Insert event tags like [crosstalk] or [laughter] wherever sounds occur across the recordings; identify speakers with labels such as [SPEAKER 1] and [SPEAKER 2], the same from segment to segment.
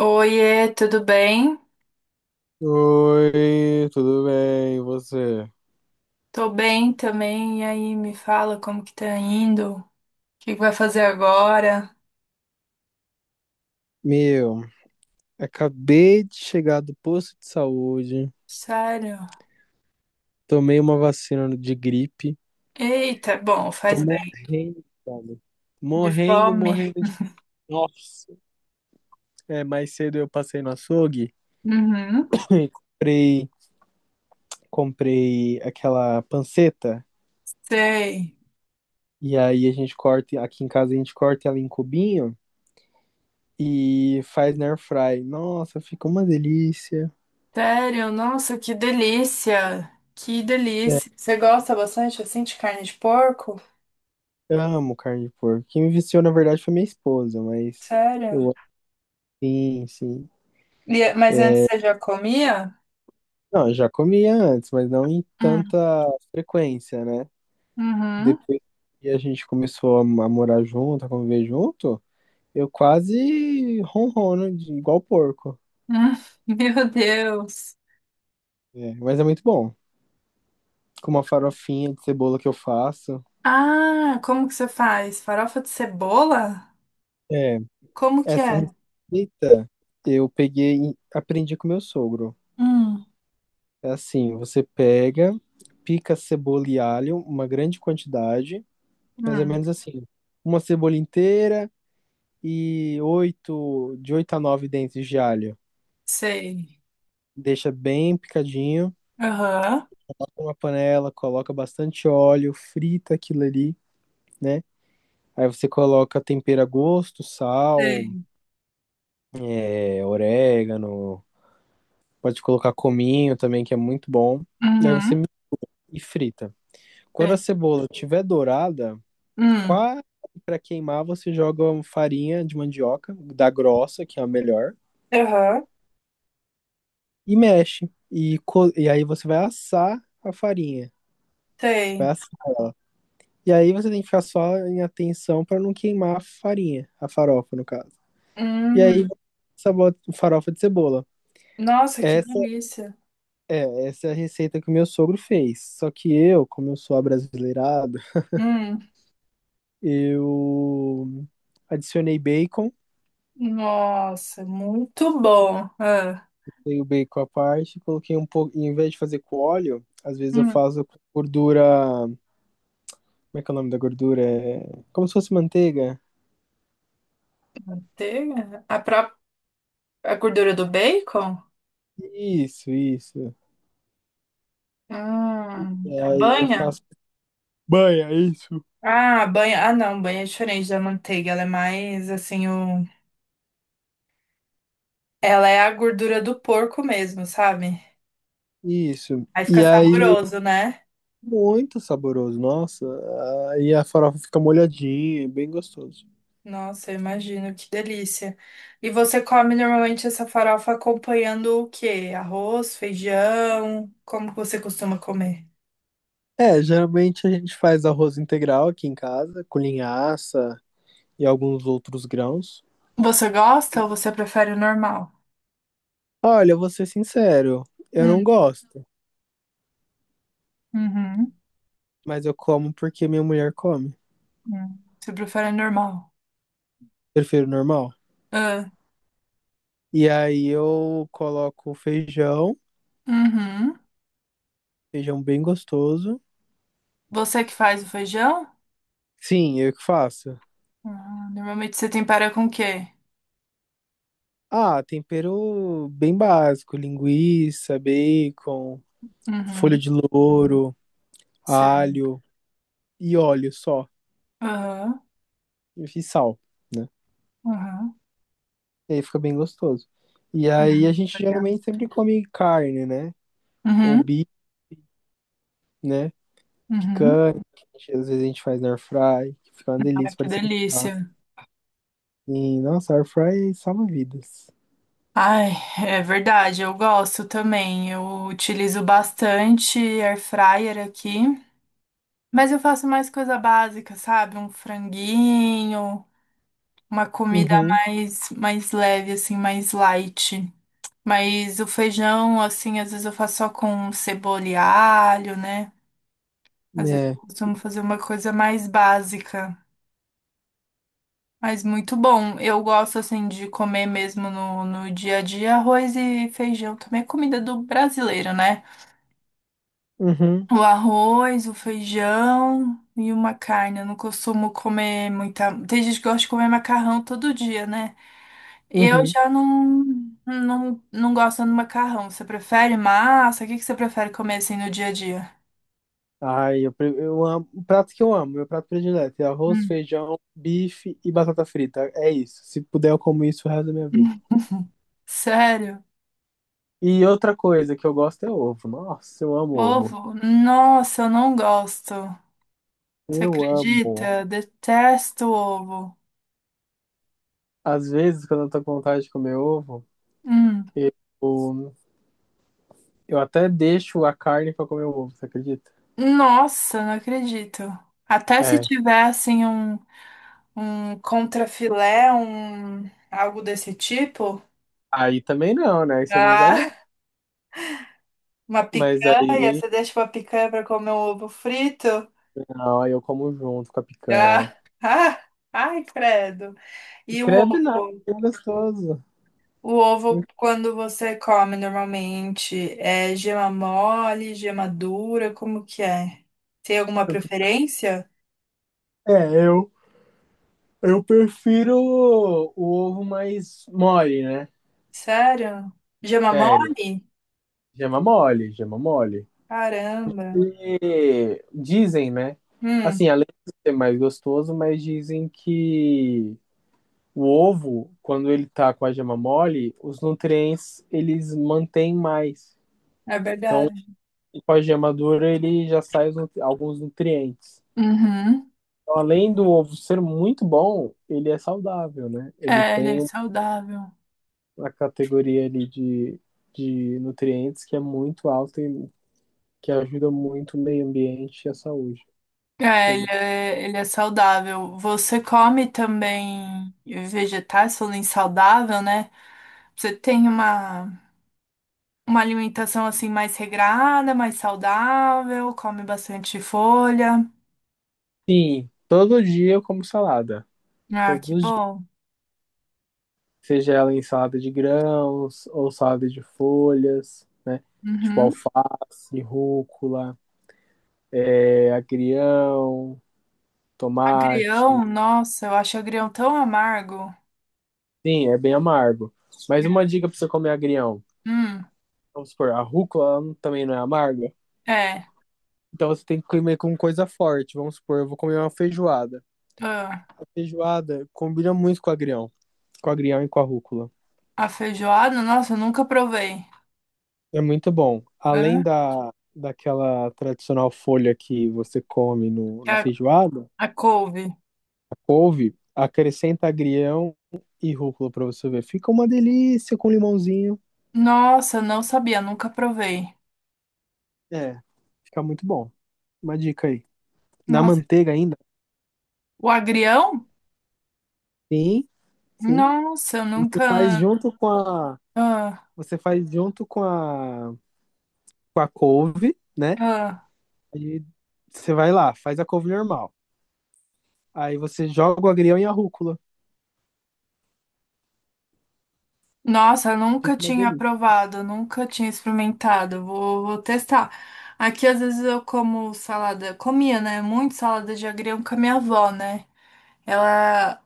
[SPEAKER 1] Oiê, tudo bem?
[SPEAKER 2] Oi, tudo bem? E você?
[SPEAKER 1] Tô bem também. E aí, me fala como que tá indo? O que que vai fazer agora?
[SPEAKER 2] Meu, acabei de chegar do posto de saúde,
[SPEAKER 1] Sério?
[SPEAKER 2] tomei uma vacina de gripe,
[SPEAKER 1] Eita, bom,
[SPEAKER 2] tô
[SPEAKER 1] faz bem.
[SPEAKER 2] morrendo, velho.
[SPEAKER 1] De
[SPEAKER 2] Morrendo,
[SPEAKER 1] fome?
[SPEAKER 2] morrendo de. Nossa! É, mais cedo eu passei no açougue,
[SPEAKER 1] Uhum,
[SPEAKER 2] [laughs] e comprei, comprei aquela panceta,
[SPEAKER 1] sei.
[SPEAKER 2] e aí a gente corta, aqui em casa a gente corta ela em cubinho e faz na air fry. Nossa, fica uma delícia.
[SPEAKER 1] Sério? Nossa, que delícia! Que delícia! Você gosta bastante assim de carne de porco?
[SPEAKER 2] Eu amo carne de porco. Quem me viciou, na verdade, foi minha esposa, mas
[SPEAKER 1] Sério?
[SPEAKER 2] eu, sim, sim.
[SPEAKER 1] Mas antes você já comia?
[SPEAKER 2] Não, eu já comia antes, mas não em tanta
[SPEAKER 1] Hum,
[SPEAKER 2] frequência, né?
[SPEAKER 1] Uhum.
[SPEAKER 2] Depois que a gente começou a morar junto, a conviver junto, eu quase ronrono de igual porco.
[SPEAKER 1] Hum. [laughs] Meu Deus!
[SPEAKER 2] É, mas é muito bom. Com uma farofinha de cebola que eu faço.
[SPEAKER 1] Ah, como que você faz? Farofa de cebola?
[SPEAKER 2] É,
[SPEAKER 1] Como que
[SPEAKER 2] essa
[SPEAKER 1] é?
[SPEAKER 2] receita eu peguei, e aprendi com meu sogro.
[SPEAKER 1] Hum.
[SPEAKER 2] É assim, você pega, pica cebola e alho, uma grande quantidade, mais ou
[SPEAKER 1] Hum,
[SPEAKER 2] menos assim, uma cebola inteira e oito, de oito a nove dentes de alho.
[SPEAKER 1] sei.
[SPEAKER 2] Deixa bem picadinho,
[SPEAKER 1] Aham.
[SPEAKER 2] uma panela, coloca bastante óleo, frita aquilo ali, né? Aí você coloca tempero a gosto, sal,
[SPEAKER 1] Sei.
[SPEAKER 2] é, orégano, pode colocar cominho também, que é muito bom. Daí você
[SPEAKER 1] Uhum,
[SPEAKER 2] mi- e frita. Quando a
[SPEAKER 1] sei.
[SPEAKER 2] cebola estiver dourada,
[SPEAKER 1] Hum,
[SPEAKER 2] quase para queimar, você joga uma farinha de mandioca, da grossa, que é a melhor,
[SPEAKER 1] aham,
[SPEAKER 2] e mexe. E aí você vai assar a farinha. Você vai
[SPEAKER 1] sei.
[SPEAKER 2] assar. E aí você tem que ficar só em atenção para não queimar a farinha, a farofa, no caso. E aí
[SPEAKER 1] Hum.
[SPEAKER 2] sabota farofa de cebola.
[SPEAKER 1] Nossa, que
[SPEAKER 2] Essa
[SPEAKER 1] delícia.
[SPEAKER 2] essa é a receita que o meu sogro fez. Só que eu, como eu sou abrasileirado,
[SPEAKER 1] Hum.
[SPEAKER 2] eu adicionei bacon.
[SPEAKER 1] Nossa, muito bom. Ah,
[SPEAKER 2] Dei o bacon à parte, coloquei um pouco. Em vez de fazer com óleo, às vezes eu
[SPEAKER 1] hum.
[SPEAKER 2] faço com gordura. Como é que é o nome da gordura? É... Como se fosse manteiga.
[SPEAKER 1] Manteiga? A própria, a gordura do bacon?
[SPEAKER 2] Isso, isso. E
[SPEAKER 1] A
[SPEAKER 2] aí eu
[SPEAKER 1] banha?
[SPEAKER 2] faço. Banha, é isso.
[SPEAKER 1] Ah, a banha. Ah, não, banha é diferente da manteiga. Ela é mais assim, o, ela é a gordura do porco mesmo, sabe?
[SPEAKER 2] Isso.
[SPEAKER 1] Aí fica
[SPEAKER 2] E aí,
[SPEAKER 1] saboroso, né?
[SPEAKER 2] muito saboroso, nossa. Aí a farofa fica molhadinha, é bem gostoso.
[SPEAKER 1] Nossa, eu imagino, que delícia. E você come normalmente essa farofa acompanhando o quê? Arroz, feijão? Como que você costuma comer?
[SPEAKER 2] É, geralmente a gente faz arroz integral aqui em casa, com linhaça e alguns outros grãos.
[SPEAKER 1] Você gosta ou você prefere o normal?
[SPEAKER 2] Olha, eu vou ser sincero, eu não
[SPEAKER 1] Hum,
[SPEAKER 2] gosto.
[SPEAKER 1] uhum,
[SPEAKER 2] Mas eu como porque minha mulher come.
[SPEAKER 1] hum. Você prefere o normal?
[SPEAKER 2] Prefiro normal.
[SPEAKER 1] Ah,
[SPEAKER 2] E aí eu coloco feijão,
[SPEAKER 1] uhum.
[SPEAKER 2] feijão bem gostoso.
[SPEAKER 1] Você que faz o feijão?
[SPEAKER 2] Sim, eu que faço.
[SPEAKER 1] Ah, normalmente você tempera com o quê?
[SPEAKER 2] Ah, tempero bem básico, linguiça, bacon, folha
[SPEAKER 1] Uhum,
[SPEAKER 2] de louro,
[SPEAKER 1] sei.
[SPEAKER 2] alho e óleo só,
[SPEAKER 1] Aham,
[SPEAKER 2] e sal, né?
[SPEAKER 1] aham.
[SPEAKER 2] E aí fica bem gostoso. E aí a
[SPEAKER 1] Uhum,
[SPEAKER 2] gente
[SPEAKER 1] legal.
[SPEAKER 2] geralmente sempre come carne, né? Ou
[SPEAKER 1] Uhum,
[SPEAKER 2] bife, né?
[SPEAKER 1] uhum.
[SPEAKER 2] Picanha, que a gente- Às vezes a gente faz na air fry, que fica uma
[SPEAKER 1] Ah,
[SPEAKER 2] delícia,
[SPEAKER 1] que
[SPEAKER 2] parecendo churrasco.
[SPEAKER 1] delícia.
[SPEAKER 2] E, nossa, air fry salva vidas.
[SPEAKER 1] Ai, é verdade, eu gosto também. Eu utilizo bastante air fryer aqui, mas eu faço mais coisa básica, sabe? Um franguinho, uma comida
[SPEAKER 2] Uhum,
[SPEAKER 1] mais leve assim, mais light. Mas o feijão, assim, às vezes eu faço só com cebola e alho, né? Às vezes eu
[SPEAKER 2] né?
[SPEAKER 1] costumo fazer uma coisa mais básica. Mas muito bom. Eu gosto, assim, de comer mesmo no dia a dia arroz e feijão. Também é comida do brasileiro, né?
[SPEAKER 2] Uhum,
[SPEAKER 1] O arroz, o feijão e uma carne. Eu não costumo comer muita. Tem gente que gosta de comer macarrão todo dia, né? Eu
[SPEAKER 2] uhum.
[SPEAKER 1] já não, não, não gosto do macarrão. Você prefere massa? O que que você prefere comer assim no dia a dia?
[SPEAKER 2] Ai, eu amo. O prato que eu amo, meu prato predileto é arroz,
[SPEAKER 1] Hum.
[SPEAKER 2] feijão, bife e batata frita. É isso. Se puder, eu como isso o resto da minha vida.
[SPEAKER 1] [laughs] Sério?
[SPEAKER 2] E outra coisa que eu gosto é ovo. Nossa, eu amo ovo.
[SPEAKER 1] Ovo? Nossa, eu não gosto. Você
[SPEAKER 2] Eu amo.
[SPEAKER 1] acredita? Detesto ovo.
[SPEAKER 2] Às vezes, quando eu tô com vontade de comer ovo,
[SPEAKER 1] Hum.
[SPEAKER 2] eu, eu até deixo a carne pra comer o ovo, você acredita?
[SPEAKER 1] Nossa, não acredito. Até se
[SPEAKER 2] É.
[SPEAKER 1] tiver assim um. Um contrafilé, um algo desse tipo?
[SPEAKER 2] Aí também não, né? Aí você nem exagera.
[SPEAKER 1] Ah, [laughs] uma
[SPEAKER 2] Mas
[SPEAKER 1] picanha,
[SPEAKER 2] aí,
[SPEAKER 1] você deixa uma picanha para comer um ovo frito?
[SPEAKER 2] não, aí eu como junto com a picanha.
[SPEAKER 1] Ah, [laughs] ah, ai, credo. E o
[SPEAKER 2] Credo nada,
[SPEAKER 1] ovo?
[SPEAKER 2] é gostoso.
[SPEAKER 1] O ovo, quando você come normalmente, é gema mole, gema dura, como que é? Tem alguma preferência?
[SPEAKER 2] É, eu, eu prefiro o ovo mais mole, né?
[SPEAKER 1] Sério? Gema
[SPEAKER 2] Sério.
[SPEAKER 1] mole?
[SPEAKER 2] Gema mole, gema mole.
[SPEAKER 1] Caramba.
[SPEAKER 2] E dizem, né?
[SPEAKER 1] Hum,
[SPEAKER 2] Assim, além de ser mais gostoso, mas dizem que o ovo, quando ele tá com a gema mole, os nutrientes eles mantêm mais.
[SPEAKER 1] é
[SPEAKER 2] Então,
[SPEAKER 1] verdade.
[SPEAKER 2] com a gema dura, ele já sai os nutri- alguns nutrientes.
[SPEAKER 1] Uhum.
[SPEAKER 2] Então, além do ovo ser muito bom, ele é saudável, né? Ele
[SPEAKER 1] É, ele é
[SPEAKER 2] tem
[SPEAKER 1] saudável.
[SPEAKER 2] a categoria ali de nutrientes que é muito alta e que ajuda muito o meio ambiente e a saúde
[SPEAKER 1] É, ele
[SPEAKER 2] pública.
[SPEAKER 1] é, ele é saudável. Você come também vegetais, falando em saudável, né? Você tem uma alimentação assim mais regrada, mais saudável, come bastante folha.
[SPEAKER 2] Sim, todo dia eu como salada,
[SPEAKER 1] Ah,
[SPEAKER 2] todos
[SPEAKER 1] que
[SPEAKER 2] os dias.
[SPEAKER 1] bom.
[SPEAKER 2] Seja ela em salada de grãos ou salada de folhas, né? Tipo
[SPEAKER 1] Uhum.
[SPEAKER 2] alface, rúcula, é, agrião, tomate.
[SPEAKER 1] Agrião, nossa, eu acho agrião tão amargo.
[SPEAKER 2] Sim, é bem amargo. Mas uma
[SPEAKER 1] É.
[SPEAKER 2] dica para você comer agrião.
[SPEAKER 1] Hum,
[SPEAKER 2] Vamos supor, a rúcula ela não- Também não é amarga.
[SPEAKER 1] é.
[SPEAKER 2] Então você tem que comer com coisa forte. Vamos supor, eu vou comer uma feijoada.
[SPEAKER 1] Ah,
[SPEAKER 2] A feijoada combina muito com o agrião e com a rúcula.
[SPEAKER 1] a feijoada, nossa, eu nunca provei.
[SPEAKER 2] É muito bom. Além
[SPEAKER 1] Hã?
[SPEAKER 2] daquela tradicional folha que você come no,
[SPEAKER 1] É
[SPEAKER 2] na
[SPEAKER 1] A,
[SPEAKER 2] feijoada,
[SPEAKER 1] a couve.
[SPEAKER 2] a couve, acrescenta agrião e rúcula pra você ver. Fica uma delícia com limãozinho.
[SPEAKER 1] Nossa, não sabia, nunca provei.
[SPEAKER 2] É, fica muito bom. Uma dica aí. Na
[SPEAKER 1] Nossa,
[SPEAKER 2] manteiga ainda?
[SPEAKER 1] o agrião?
[SPEAKER 2] Sim, sim.
[SPEAKER 1] Nossa, eu
[SPEAKER 2] Você faz
[SPEAKER 1] nunca.
[SPEAKER 2] junto com a,
[SPEAKER 1] Ah,
[SPEAKER 2] você faz junto com a couve, né?
[SPEAKER 1] ah.
[SPEAKER 2] Aí você vai lá, faz a couve normal. Aí você joga o agrião e a rúcula.
[SPEAKER 1] Nossa, eu nunca
[SPEAKER 2] Fica uma
[SPEAKER 1] tinha
[SPEAKER 2] delícia.
[SPEAKER 1] provado, nunca tinha experimentado. Vou testar. Aqui, às vezes, eu como salada. Comia, né? Muito salada de agrião com a minha avó, né? Ela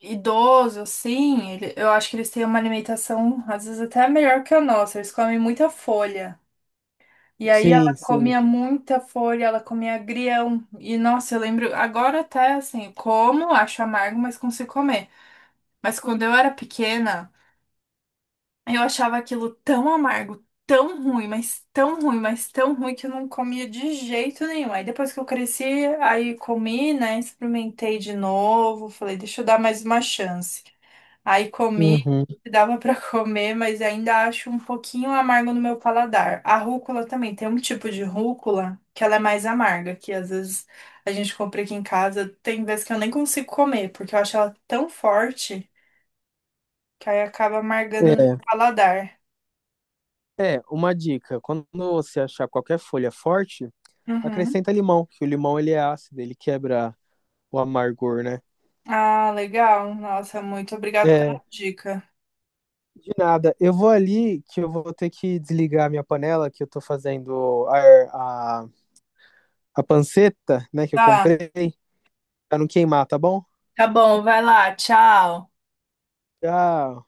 [SPEAKER 1] é idoso, assim. Eu acho que eles têm uma alimentação, às vezes, até melhor que a nossa. Eles comem muita folha. E aí, ela
[SPEAKER 2] Sim, sim.
[SPEAKER 1] comia muita folha, ela comia agrião. E, nossa, eu lembro. Agora, até assim, como, acho amargo, mas consigo comer. Mas quando eu era pequena, eu achava aquilo tão amargo, tão ruim, mas tão ruim, mas tão ruim que eu não comia de jeito nenhum. Aí depois que eu cresci, aí comi, né? Experimentei de novo, falei, deixa eu dar mais uma chance. Aí comi,
[SPEAKER 2] Uhum.
[SPEAKER 1] [laughs] dava pra comer, mas ainda acho um pouquinho amargo no meu paladar. A rúcula também, tem um tipo de rúcula que ela é mais amarga, que às vezes a gente compra aqui em casa, tem vezes que eu nem consigo comer, porque eu acho ela tão forte que aí acaba amargando no
[SPEAKER 2] É.
[SPEAKER 1] paladar.
[SPEAKER 2] É, uma dica. Quando você achar qualquer folha forte,
[SPEAKER 1] Uhum.
[SPEAKER 2] acrescenta limão, que o limão ele é ácido, ele quebra o amargor, né?
[SPEAKER 1] Ah, legal. Nossa, muito obrigada pela
[SPEAKER 2] É.
[SPEAKER 1] dica.
[SPEAKER 2] De nada. Eu vou ali que eu vou ter que desligar a minha panela, que eu tô fazendo a panceta, né, que eu
[SPEAKER 1] Tá,
[SPEAKER 2] comprei, pra não queimar, tá bom?
[SPEAKER 1] tá bom, vai lá, tchau.
[SPEAKER 2] Já